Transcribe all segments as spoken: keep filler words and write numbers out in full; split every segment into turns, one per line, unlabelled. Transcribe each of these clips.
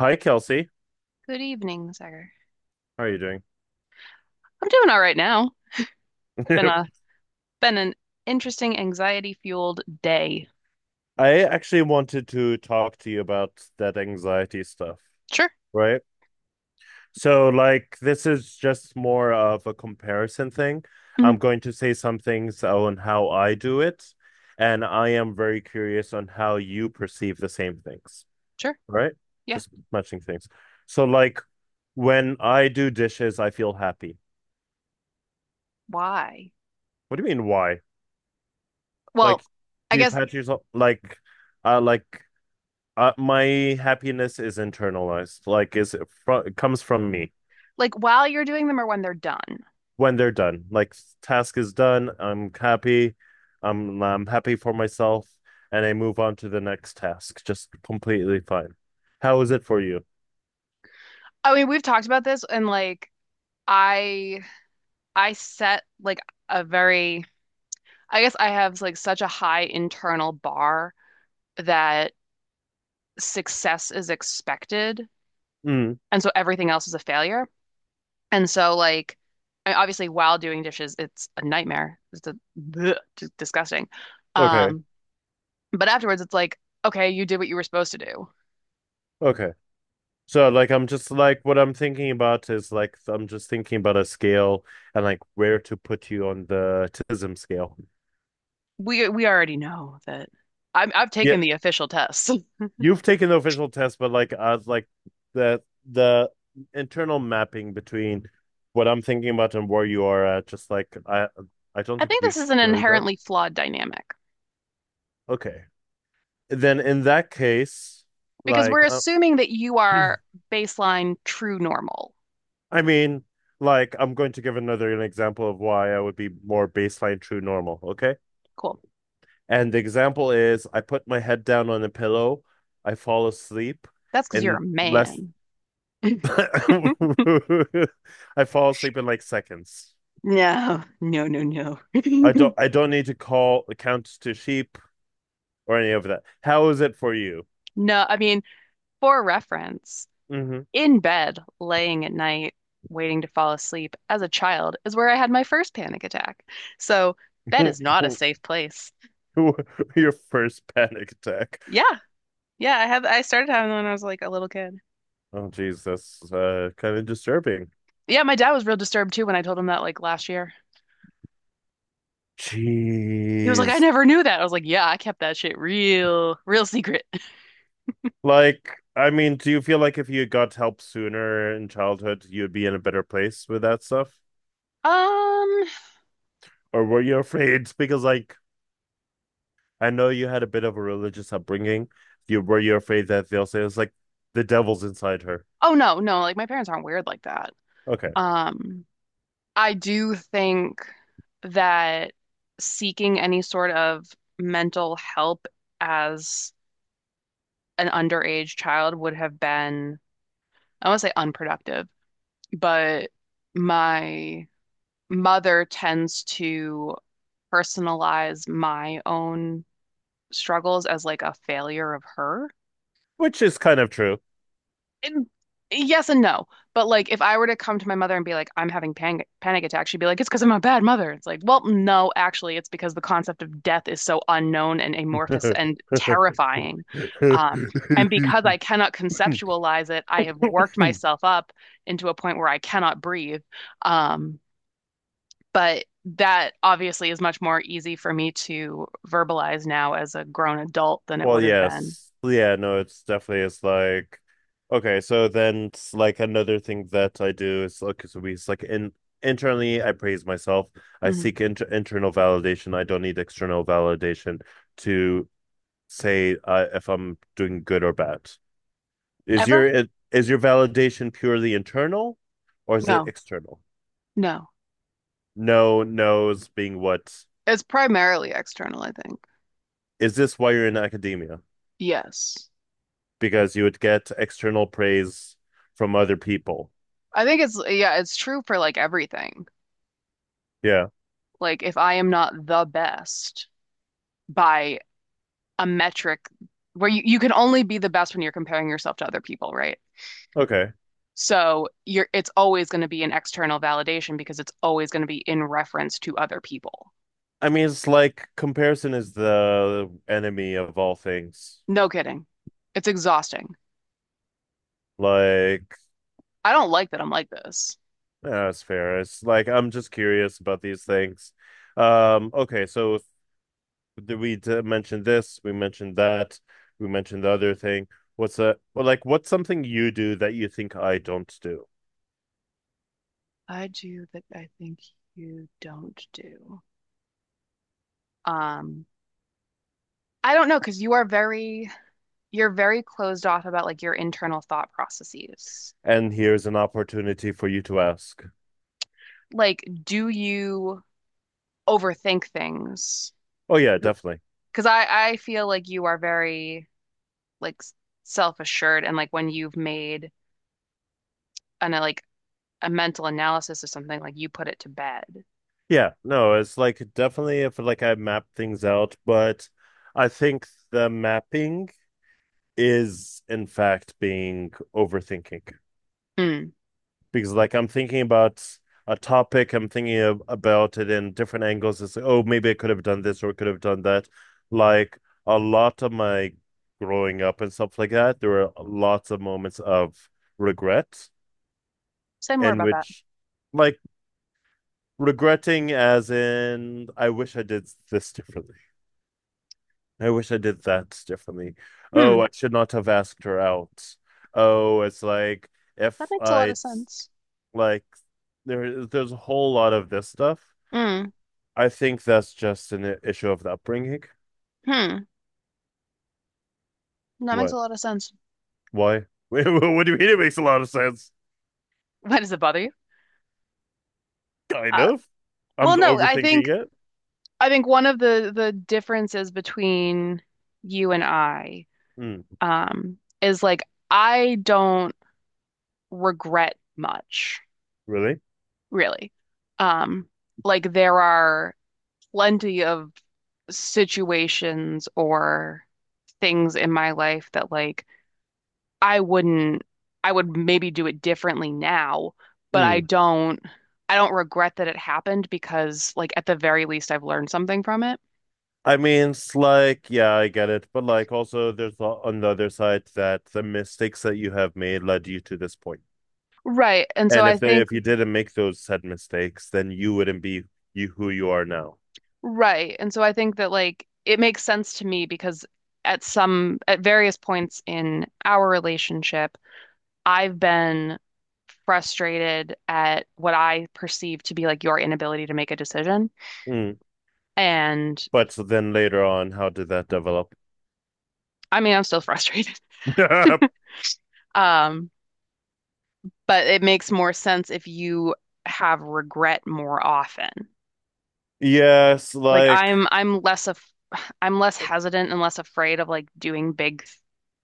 Hi, Kelsey.
Good evening, Sagar.
How are you doing?
I'm doing all right now. Been a been an interesting anxiety fueled day.
I actually wanted to talk to you about that anxiety stuff,
Sure.
right? So, like, this is just more of a comparison thing.
Mhm.
I'm going to say some things on how I do it, and I am very curious on how you perceive the same things,
Sure.
right?
Yeah.
Just matching things. So, like, when I do dishes, I feel happy.
Why?
What do you mean, why?
Well,
Like,
I
do you
guess
pat yourself, like, uh, like, uh, my happiness is internalized. Like is it fro- it comes from me
like while you're doing them or when they're done.
when they're done. Like task is done, I'm happy. I'm I'm happy for myself and I move on to the next task. Just completely fine. How is it for you?
I mean, we've talked about this and like I I set like a very I guess I have like such a high internal bar that success is expected,
Mm,
and so everything else is a failure. And so like I obviously while doing dishes, it's a nightmare. It's a bleh, just disgusting.
okay.
Um, but afterwards it's like, okay, you did what you were supposed to do.
Okay. So like I'm just like what I'm thinking about is like I'm just thinking about a scale and like where to put you on the autism scale.
We we already know that I'm I've
Yeah,
taken the official tests.
you've taken the official test, but like uh like the the internal mapping between what I'm thinking about and where you are at, just like I I don't
I
think
think this
we've
is an
really done.
inherently flawed dynamic
Okay. Then in that case,
because
like
we're
uh,
assuming that you are baseline true normal.
I mean, like I'm going to give another an example of why I would be more baseline true normal, okay?
Cool.
And the example is I put my head down on a pillow, I fall asleep
That's because you're a
in less
man.
I fall asleep in like seconds.
No, no, no, no.
I don't I don't need to call the counts to sheep or any of that. How is it for you?
No, I mean, for reference,
Mm-hmm.
in bed, laying at night, waiting to fall asleep as a child is where I had my first panic attack. So bed is not a safe place.
Your first panic attack.
Yeah. Yeah, I have. I started having them when I was like a little kid.
Oh jeez, that's uh, kind of disturbing.
Yeah, my dad was real disturbed too when I told him that like last year. He was like, I
Jeez.
never knew that. I was like, yeah, I kept that shit real, real secret.
Like, I mean, do you feel like if you got help sooner in childhood, you'd be in a better place with that stuff?
Um,
Or were you afraid? Because like I know you had a bit of a religious upbringing. You were you afraid that they'll say it's like the devil's inside her.
oh no, no, like my parents aren't weird like that.
Okay.
Um, I do think that seeking any sort of mental help as an underage child would have been, I won't say unproductive, but my mother tends to personalize my own struggles as like a failure of her.
Which is kind of true.
And yes and no. But like if I were to come to my mother and be like, I'm having panic panic attack, she'd be like, it's because I'm a bad mother. It's like, well, no, actually, it's because the concept of death is so unknown and amorphous and terrifying. Um, and because I cannot conceptualize it, I have worked myself up into a point where I cannot breathe. Um, but that obviously is much more easy for me to verbalize now as a grown adult than it
Well,
would have been.
yes. Yeah, no, it's definitely it's like okay, so then it's like another thing that I do is like so we it's like in internally I praise myself. I
Mhm.
seek inter internal validation. I don't need external validation to say uh, if I'm doing good or bad. Is
Ever?
your it- is your validation purely internal or is it
No,
external?
no.
No, no's being what
It's primarily external, I think.
is this why you're in academia?
Yes.
Because you would get external praise from other people.
I think it's, yeah, it's true for like everything.
Yeah.
Like if I am not the best by a metric where you, you can only be the best when you're comparing yourself to other people, right?
Okay.
So you're it's always going to be an external validation because it's always going to be in reference to other people.
I mean, it's like comparison is the enemy of all things.
No kidding. It's exhausting.
Like,
I don't like that I'm like this.
yeah, that's fair. It's like I'm just curious about these things. Um, okay, so if- did we d- mention this? We mentioned that. We mentioned the other thing. What's a well, like what's something you do that you think I don't do?
I do that I think you don't do. Um, I don't know because you are very you're very closed off about like your internal thought processes.
And here's an opportunity for you to ask.
Like, do you overthink things?
Oh yeah, definitely.
Because I I feel like you are very like self-assured, and like when you've made an uh, like a mental analysis of something, like you put it to bed.
Yeah, no, it's like definitely if like I map things out, but I think the mapping is in fact being overthinking
Hmm.
because like I'm thinking about a topic, I'm thinking of, about it in different angles. It's like, oh, maybe I could have done this or could have done that. Like a lot of my growing up and stuff like that, there were lots of moments of regret
Say more
in
about that.
which like regretting as in I wish I did this differently. I wish I did that differently. Oh,
Hmm.
I should not have asked her out. Oh, it's like
That
if
makes a lot
I
of sense.
like there there's a whole lot of this stuff.
Hmm.
I think that's just an i- issue of the upbringing.
Hmm. That makes a
What?
lot of sense.
Why? What do you mean? It makes a lot of sense.
Why does it bother you?
Kind
Uh,
of. I'm
well, no, I
overthinking
think
it.
I think one of the the differences between you and I,
Mm,
um, is like I don't regret much,
really?
really. Um, like there are plenty of situations or things in my life that like I wouldn't, I would maybe do it differently now, but I
Mm.
don't, I don't regret that it happened because like at the very least I've learned something from it.
I mean, it's like, yeah, I get it, but like also there's a- on the other side that the mistakes that you have made led you to this point.
Right. And so
And
I
if they,
think
if you didn't make those said mistakes, then you wouldn't be you who you are now.
Right. And so I think that like it makes sense to me because at some at various points in our relationship, I've been frustrated at what I perceive to be like your inability to make a decision.
Mm.
And
But so then later on, how did that develop?
I mean, I'm still frustrated. Um, but it makes more sense if you have regret more often.
Yes,
Like
like
I'm I'm less of I'm less hesitant and less afraid of like doing big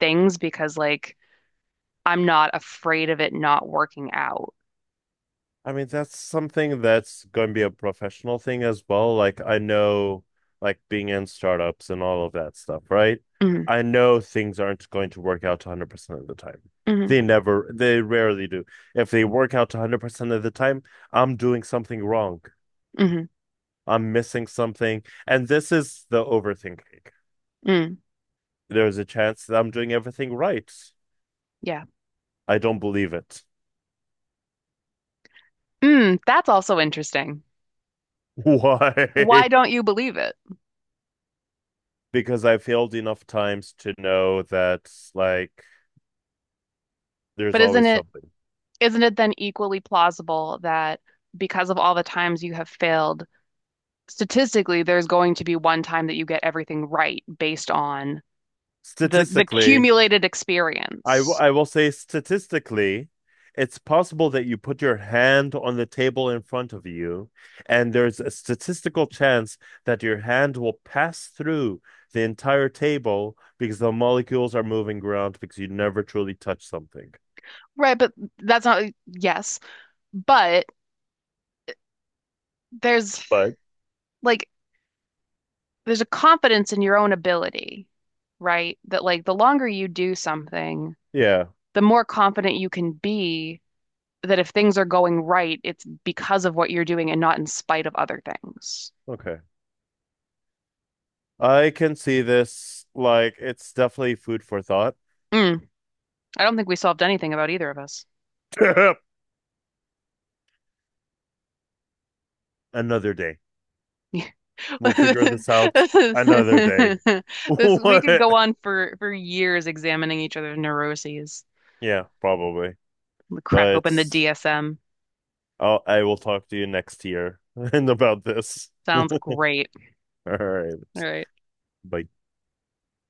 things because like I'm not afraid of it not working out.
I mean that's something that's going to be a professional thing as well. Like I know, like being in startups and all of that stuff, right?
Mm,
I know things aren't going to work out one hundred percent of the time.
mm,
They never, they rarely do. If they work out one hundred percent of the time, I'm doing something wrong.
mm,
I'm missing something. And this is the overthinking.
mm,
There's a chance that I'm doing everything right.
yeah.
I don't believe it.
Mm, that's also interesting. Why
Why?
don't you believe it?
Because I failed enough times to know that, like, there's
But isn't
always
it
something.
isn't it then equally plausible that because of all the times you have failed, statistically, there's going to be one time that you get everything right based on the the
Statistically,
accumulated
I, w-
experience?
I will say statistically, it's possible that you put your hand on the table in front of you, and there's a statistical chance that your hand will pass through the entire table because the molecules are moving around because you never truly touch something.
Right, but that's not, yes. But there's
But
like, there's a confidence in your own ability, right? That like the longer you do something,
yeah,
the more confident you can be that if things are going right, it's because of what you're doing and not in spite of other things.
okay. I can see this. Like, it's definitely food for thought.
Mm, I don't think we solved anything about either of us.
Another day. We'll figure this out another day.
This we could
What?
go on for for years examining each other's neuroses.
Yeah, probably.
Crack
But.
open the D S M.
I'll, I will talk to you next year and about this. All
Sounds great.
right.
All right.
Bye.